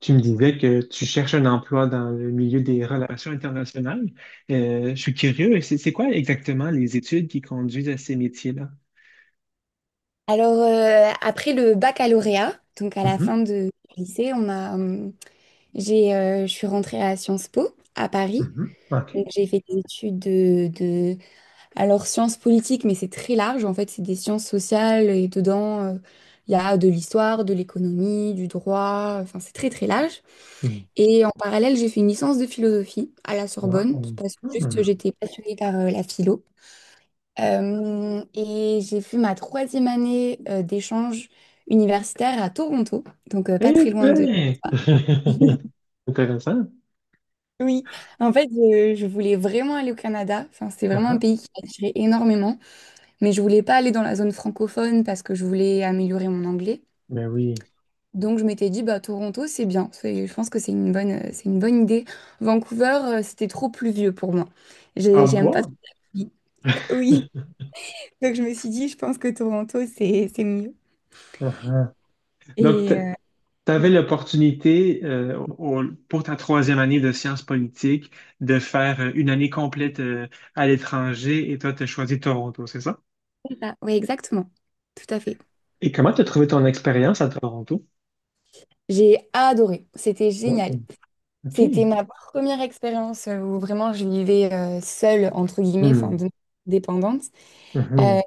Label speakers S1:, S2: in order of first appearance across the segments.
S1: Tu me disais que tu cherches un emploi dans le milieu des relations internationales. Je suis curieux, c'est quoi exactement les études qui conduisent à ces métiers-là?
S2: Alors, après le baccalauréat, donc à la
S1: Mhm,
S2: fin de du lycée, je suis rentrée à Sciences Po à Paris.
S1: mhm.
S2: Donc,
S1: OK.
S2: j'ai fait des études alors sciences politiques, mais c'est très large. En fait, c'est des sciences sociales et dedans, il y a de l'histoire, de l'économie, du droit. Enfin, c'est très, très large.
S1: Mm,
S2: Et en parallèle, j'ai fait une licence de philosophie à la
S1: trois,
S2: Sorbonne
S1: mm.
S2: parce que juste j'étais passionnée par la philo. Et j'ai fait ma troisième année d'échange universitaire à Toronto, donc pas
S1: Eh
S2: très loin de
S1: ben!
S2: toi.
S1: Intéressant.
S2: Oui, en fait, je voulais vraiment aller au Canada. Enfin, c'est vraiment un
S1: Uh-huh.
S2: pays qui m'attirait énormément, mais je voulais pas aller dans la zone francophone parce que je voulais améliorer mon anglais.
S1: Ben oui.
S2: Donc, je m'étais dit, bah, Toronto, c'est bien. C'est- Je pense que c'est une c'est une bonne idée. Vancouver, c'était trop pluvieux pour moi.
S1: Ah
S2: J'ai- J'aime pas trop
S1: bon?
S2: la pluie. Oui, donc je me suis dit, je pense que Toronto, c'est mieux.
S1: Uh-huh. Donc,
S2: Et, euh,
S1: tu avais l'opportunité au- au- pour ta troisième année de sciences politiques de faire une année complète à l'étranger et toi, tu as choisi Toronto, c'est ça?
S2: Ah, oui, exactement. Tout à fait.
S1: Et comment tu as trouvé ton expérience à Toronto?
S2: J'ai adoré, c'était
S1: Ouais,
S2: génial.
S1: OK.
S2: C'était ma première expérience où vraiment je vivais seule, entre guillemets, enfin
S1: Hmm,
S2: de- dépendante. Euh,
S1: mhm,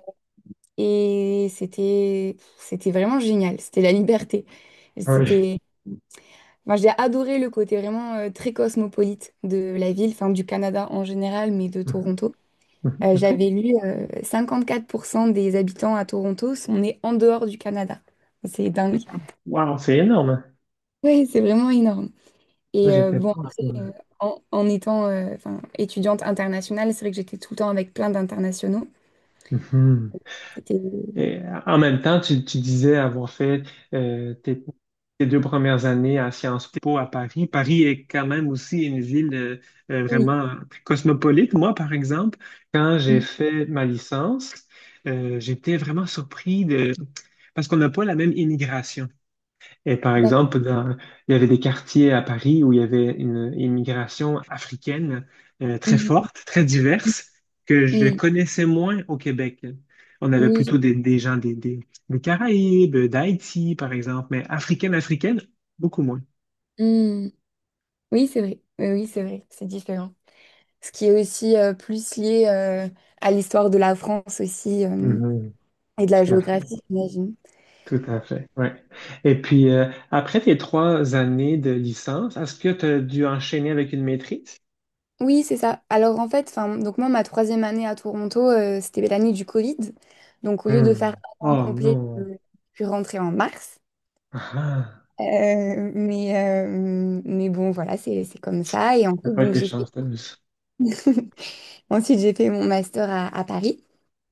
S2: et c'était vraiment génial, c'était la liberté.
S1: ouais,
S2: C'était, moi j'ai adoré le côté vraiment très cosmopolite de la ville, enfin du Canada en général, mais de
S1: mhm,
S2: Toronto.
S1: mhm, OK.
S2: J'avais lu 54% des habitants à Toronto sont nés en dehors du Canada. C'est dingue.
S1: Wow, c'est énorme.
S2: Ouais, c'est vraiment énorme.
S1: Moi,
S2: Et
S1: j'étais
S2: bon,
S1: pas.
S2: après,
S1: Ouais.
S2: en, en étant enfin, étudiante internationale, c'est vrai que j'étais tout le temps avec plein d'internationaux.
S1: Mhm.
S2: C'était...
S1: Et en même temps, tu disais avoir fait euh, tes, tes deux premières années à Sciences Po à Paris. Paris est quand même aussi une ville
S2: Oui,
S1: vraiment très cosmopolite. Moi, par exemple, quand j'ai
S2: mhm,
S1: fait ma licence, j'étais vraiment surpris de... parce qu'on n'a pas la même immigration. Et par
S2: d'ac-
S1: exemple, il y avait des quartiers à Paris où il y avait une immigration africaine très
S2: mhm,
S1: forte, très diverse, que je
S2: mhm,
S1: connaissais moins au Québec. On avait
S2: oui,
S1: plutôt des gens des des Caraïbes, d'Haïti, par exemple, mais africaine, africaine, beaucoup moins.
S2: je- mhm. Oui, c'est vrai. Oui, oui, c'est vrai, c'est différent. Ce qui est aussi plus lié à l'histoire de la France aussi
S1: Mhm.
S2: et de la
S1: Tout à fait,
S2: géographie, j'imagine.
S1: tout à fait, ouais. Et puis, après tes trois années de licence, est-ce que tu as dû enchaîner avec une maîtrise?
S2: Oui, c'est ça. Alors en fait, enfin, donc moi, ma troisième année à Toronto, c'était l'année du Covid. Donc au lieu de faire
S1: Hmm.
S2: un an
S1: Oh
S2: complet,
S1: non,
S2: je suis rentrée en mars.
S1: ah, ah.
S2: Euh, mais, euh, mais bon, voilà, c'est comme ça. Et
S1: T'as
S2: ensuite,
S1: pas
S2: donc,
S1: été
S2: j'ai fait...
S1: chanceuse.
S2: ensuite, j'ai fait mon master à Paris.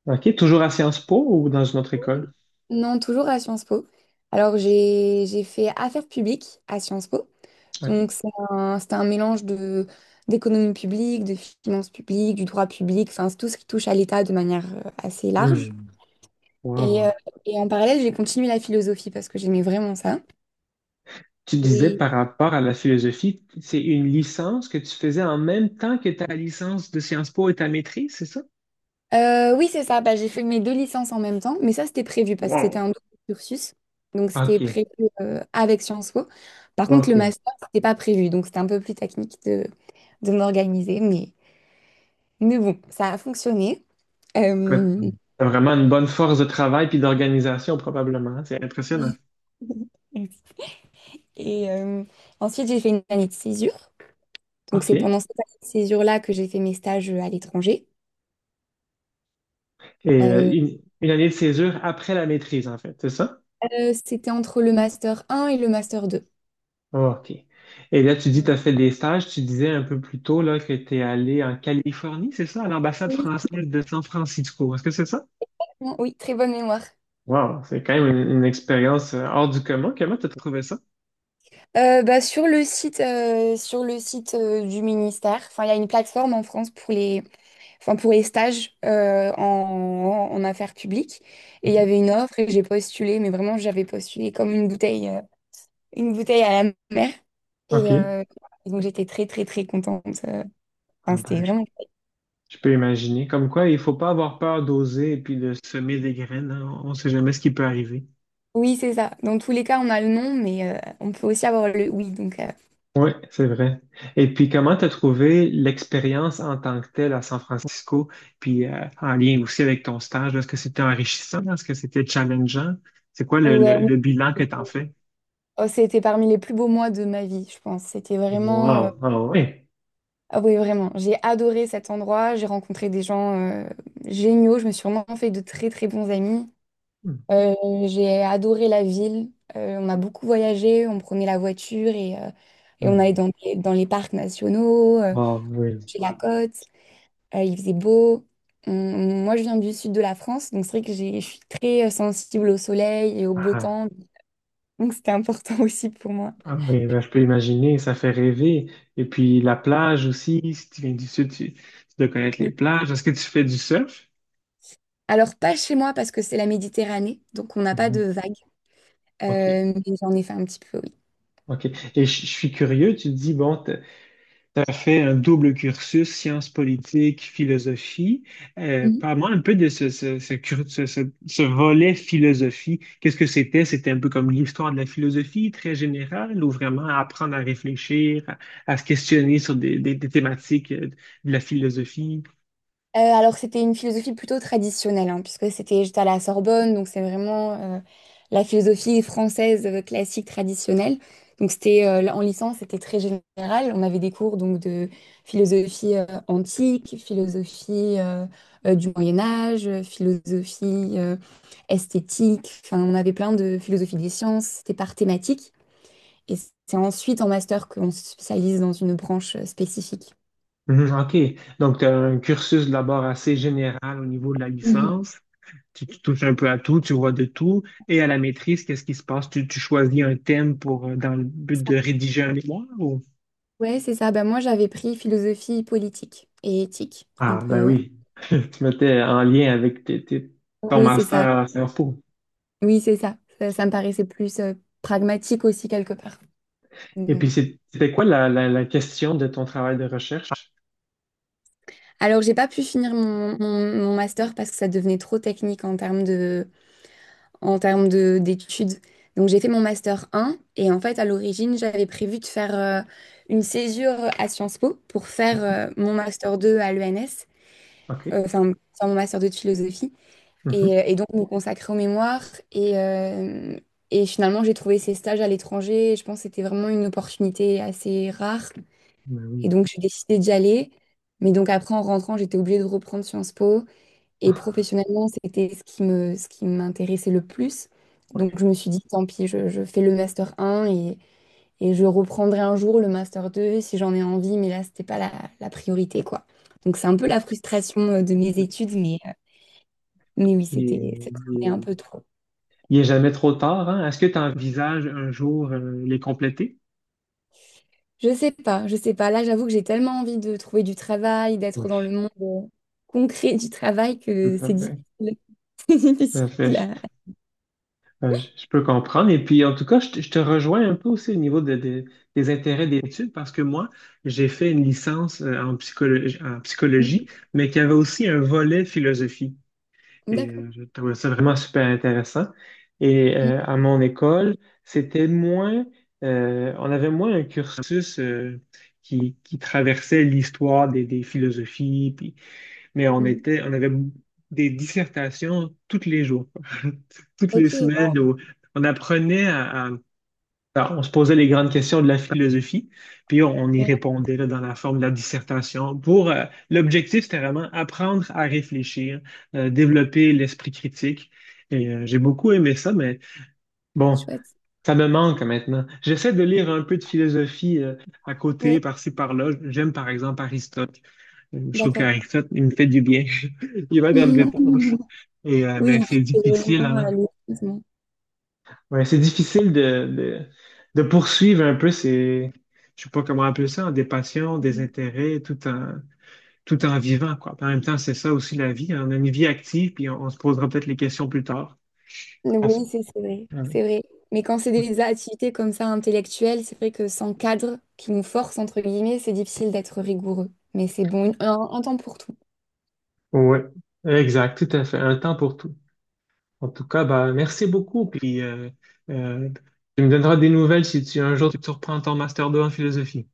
S1: OK, toujours à Sciences Po ou dans une autre école?
S2: Non, toujours à Sciences Po. Alors, j'ai fait affaires publiques à Sciences Po.
S1: OK.
S2: Donc, c'est un mélange de, d'économie publique, de finances publiques, du droit public, enfin, c'est tout ce qui touche à l'État de manière assez large.
S1: Hmm.
S2: Et, euh,
S1: Wow.
S2: et en parallèle, j'ai continué la philosophie parce que j'aimais vraiment ça.
S1: Tu disais par rapport à la philosophie, c'est une licence que tu faisais en même temps que ta licence de Sciences Po et ta maîtrise, c'est ça?
S2: Oui, c'est ça. Bah, j'ai fait mes deux licences en même temps, mais ça, c'était prévu parce que c'était
S1: Wow.
S2: un double cursus. Donc, c'était
S1: OK,
S2: prévu avec Sciences Po. Par contre, le
S1: OK.
S2: master, c'était pas prévu. Donc, c'était un peu plus technique de m'organiser. Mais bon, ça a fonctionné.
S1: Tu
S2: Euh,
S1: as vraiment une bonne force de travail puis d'organisation probablement. C'est impressionnant.
S2: Et ensuite, j'ai fait une année de césure. Donc,
S1: OK.
S2: c'est
S1: Et
S2: pendant cette année de césure-là que j'ai fait mes stages à l'étranger. Euh,
S1: une année de césure après la maîtrise, en fait, c'est ça?
S2: C'était entre le master 1 et le master 2.
S1: Ah, OK. Et là, tu dis, tu as fait des stages. Tu disais un peu plus tôt là, que tu es allé en Californie, c'est ça, à l'ambassade
S2: Oui,
S1: française de San Francisco. Est-ce que c'est ça?
S2: oui, très bonne mémoire.
S1: Wow, c'est quand même une expérience hors du commun. Comment tu as trouvé ça?
S2: Bah, sur le site, du ministère, enfin, il y a une plateforme en France pour les, enfin, pour les stages en affaires publiques. Et il y
S1: Mhm.
S2: avait une offre et j'ai postulé, mais vraiment, j'avais postulé comme une bouteille à la mer. Et
S1: OK.
S2: euh, donc, j'étais très, très, très contente. Enfin,
S1: Ah
S2: c'était
S1: ben,
S2: vraiment cool.
S1: je peux imaginer. Comme quoi, il faut pas avoir peur d'oser et puis de semer des graines, hein. On ne sait jamais ce qui peut arriver.
S2: Oui, c'est ça. Dans tous les cas, on a le non, mais on peut aussi avoir le oui. Donc,
S1: Oui, c'est vrai. Et puis, comment t'as trouvé l'expérience en tant que telle à San Francisco, puis en lien aussi avec ton stage là? Est-ce que c'était enrichissant? Est-ce que c'était challengeant? C'est quoi
S2: ouais,
S1: le bilan que t'en fais?
S2: oh, c'était parmi les plus beaux mois de ma vie, je pense. C'était vraiment.
S1: Wow, ah oui.
S2: Ah oui, vraiment. J'ai adoré cet endroit. J'ai rencontré des gens géniaux. Je me suis vraiment fait de très, très bons amis.
S1: Hmm,
S2: Euh, j'ai adoré la ville. On a beaucoup voyagé. On prenait la voiture et on allait
S1: hmm.
S2: dans, des- dans les parcs nationaux,
S1: Ah oui.
S2: chez la côte. Il faisait beau. On- moi, je viens du sud de la France. Donc, c'est vrai que j'ai- je suis très sensible au soleil et au beau
S1: Ah,
S2: temps. Donc, c'était important aussi pour moi.
S1: ah oui, ben, je peux imaginer, ça fait rêver. Et puis la plage aussi, si tu viens du sud, tu dois connaître
S2: Mm.
S1: les plages. Est-ce que tu fais du surf?
S2: Alors, pas chez moi parce que c'est la Méditerranée. Donc, on n'a pas de
S1: Mhm.
S2: vagues.
S1: OK,
S2: Mais j'en ai fait un petit peu.
S1: OK. Et je suis curieux, tu dis, bon, tu as fait un double cursus, sciences politiques, philosophie. Euh,
S2: Mhm.
S1: parle-moi un peu de ce, ce, ce cur- ce- ce- ce volet philosophie. Qu'est-ce que c'était? C'était un peu comme l'histoire de la philosophie, très générale, ou vraiment apprendre à réfléchir, à se questionner sur des thématiques de la philosophie.
S2: Alors c'était une philosophie plutôt traditionnelle, hein, puisque c'était j'étais à la Sorbonne, donc c'est vraiment la philosophie française classique traditionnelle. Donc c'était là, en licence, c'était très général. On avait des cours donc de philosophie antique, philosophie du Moyen Âge, philosophie euh, esthétique. Enfin, on avait plein de philosophie des sciences. C'était par thématique, et c'est ensuite en master qu'on se spécialise dans une branche spécifique.
S1: Mhm, OK. Donc, tu as un cursus d'abord assez général au niveau de la
S2: Mhm.
S1: licence. Tu touches un peu à tout, tu vois de tout. Et à la maîtrise, qu'est-ce qui se passe? Tu choisis un thème pour, dans le but de rédiger un mémoire ou?
S2: Ouais, c'est ça. Ben, moi, j'avais pris philosophie politique et éthique. Un
S1: Ah, ben
S2: peu.
S1: oui. Tu mettais en lien avec ton
S2: Oui, c'est
S1: master
S2: ça.
S1: à Sciences Po.
S2: Oui, c'est ça. Ça me paraissait plus pragmatique aussi, quelque part.
S1: Et puis,
S2: Mhm.
S1: c'était quoi la question de ton travail de recherche?
S2: Alors, j'ai pas pu finir mon master parce que ça devenait trop technique en termes de, d'études. Donc, j'ai fait mon master un et en fait, à l'origine, j'avais prévu de faire une césure à Sciences Po pour faire
S1: Mhm.
S2: mon master 2 à l'ENS,
S1: OK.
S2: enfin, faire mon master 2 de philosophie.
S1: Mhm.
S2: Et donc me consacrer aux mémoires. Et, euh, et finalement, j'ai trouvé ces stages à l'étranger. Et je pense que c'était vraiment une opportunité assez rare.
S1: Ben
S2: Et
S1: oui.
S2: donc, j'ai décidé d'y aller. Mais donc après, en rentrant, j'étais obligée de reprendre Sciences Po. Et
S1: Ah,
S2: professionnellement, c'était ce qui me, ce qui m'intéressait le plus. Donc,
S1: ouais.
S2: je me suis dit, tant pis, je fais le Master 1 et je reprendrai un jour le Master 2 si j'en ai envie. Mais là, c'était pas la, la priorité, quoi. Donc, c'est un peu la frustration de mes études. Mais oui,
S1: Il
S2: c'était
S1: est, il
S2: c'était un
S1: est-
S2: peu trop.
S1: il est jamais trop tard, hein? Est-ce que tu envisages un jour les compléter?
S2: Je sais pas, je sais pas. Là, j'avoue que j'ai tellement envie de trouver du travail, d'être dans
S1: Oui,
S2: le monde concret du travail
S1: tout
S2: que
S1: à
S2: c'est difficile.
S1: fait.
S2: C'est
S1: Tout à fait.
S2: difficile à...
S1: Je peux comprendre. Et puis, en tout cas, je te rejoins un peu aussi au niveau des intérêts d'études parce que moi, j'ai fait une licence en psychologie, mais qui avait aussi un volet philosophie. Et
S2: D'accord.
S1: je trouvais ça vraiment super intéressant. Et
S2: Mm,
S1: à mon école, c'était moins, on avait moins un cursus qui traversait l'histoire des philosophies. Puis mais
S2: mm.
S1: on avait des dissertations tous les jours, toutes
S2: Ok,
S1: les
S2: ouais,
S1: semaines où on apprenait alors, on se posait les grandes questions de la philosophie, puis on y
S2: ouais,
S1: répondait là, dans la forme de la dissertation. Pour l'objectif, c'était vraiment apprendre à réfléchir, développer l'esprit critique. Et j'ai beaucoup aimé ça, mais
S2: c'est
S1: bon,
S2: chouette.
S1: ça me manque maintenant. J'essaie de lire un peu de philosophie à côté,
S2: Ouais,
S1: par-ci, par-là. J'aime par exemple Aristote. Je trouve
S2: d'accord.
S1: qu'avec ça, il me fait du bien. Il va de me
S2: D'accord.
S1: détendre.
S2: Mm.
S1: Et,
S2: Oui,
S1: mais
S2: et puis
S1: c'est
S2: c'est
S1: difficile,
S2: vraiment,
S1: hein.
S2: les- heureusement.
S1: Ouais, c'est difficile de poursuivre un peu ces, je sais pas comment appeler ça, des passions, des
S2: Mm.
S1: intérêts, tout en, tout en vivant, quoi. En même temps, c'est ça aussi la vie, hein. On a une vie active, puis on se posera peut-être les questions plus tard. Ah, ça.
S2: Oui, c'est vrai,
S1: Ouais.
S2: c'est vrai. Mais quand c'est des activités comme ça intellectuelles, c'est vrai que sans cadre qui nous force, entre guillemets, c'est difficile d'être rigoureux. Mais c'est bon, un temps pour tout.
S1: Ouais, exact, tout à fait. Un temps pour tout. En tout cas, bah, merci beaucoup. Puis, euh, tu me donneras des nouvelles si tu, un jour tu reprends ton master 2 en philosophie.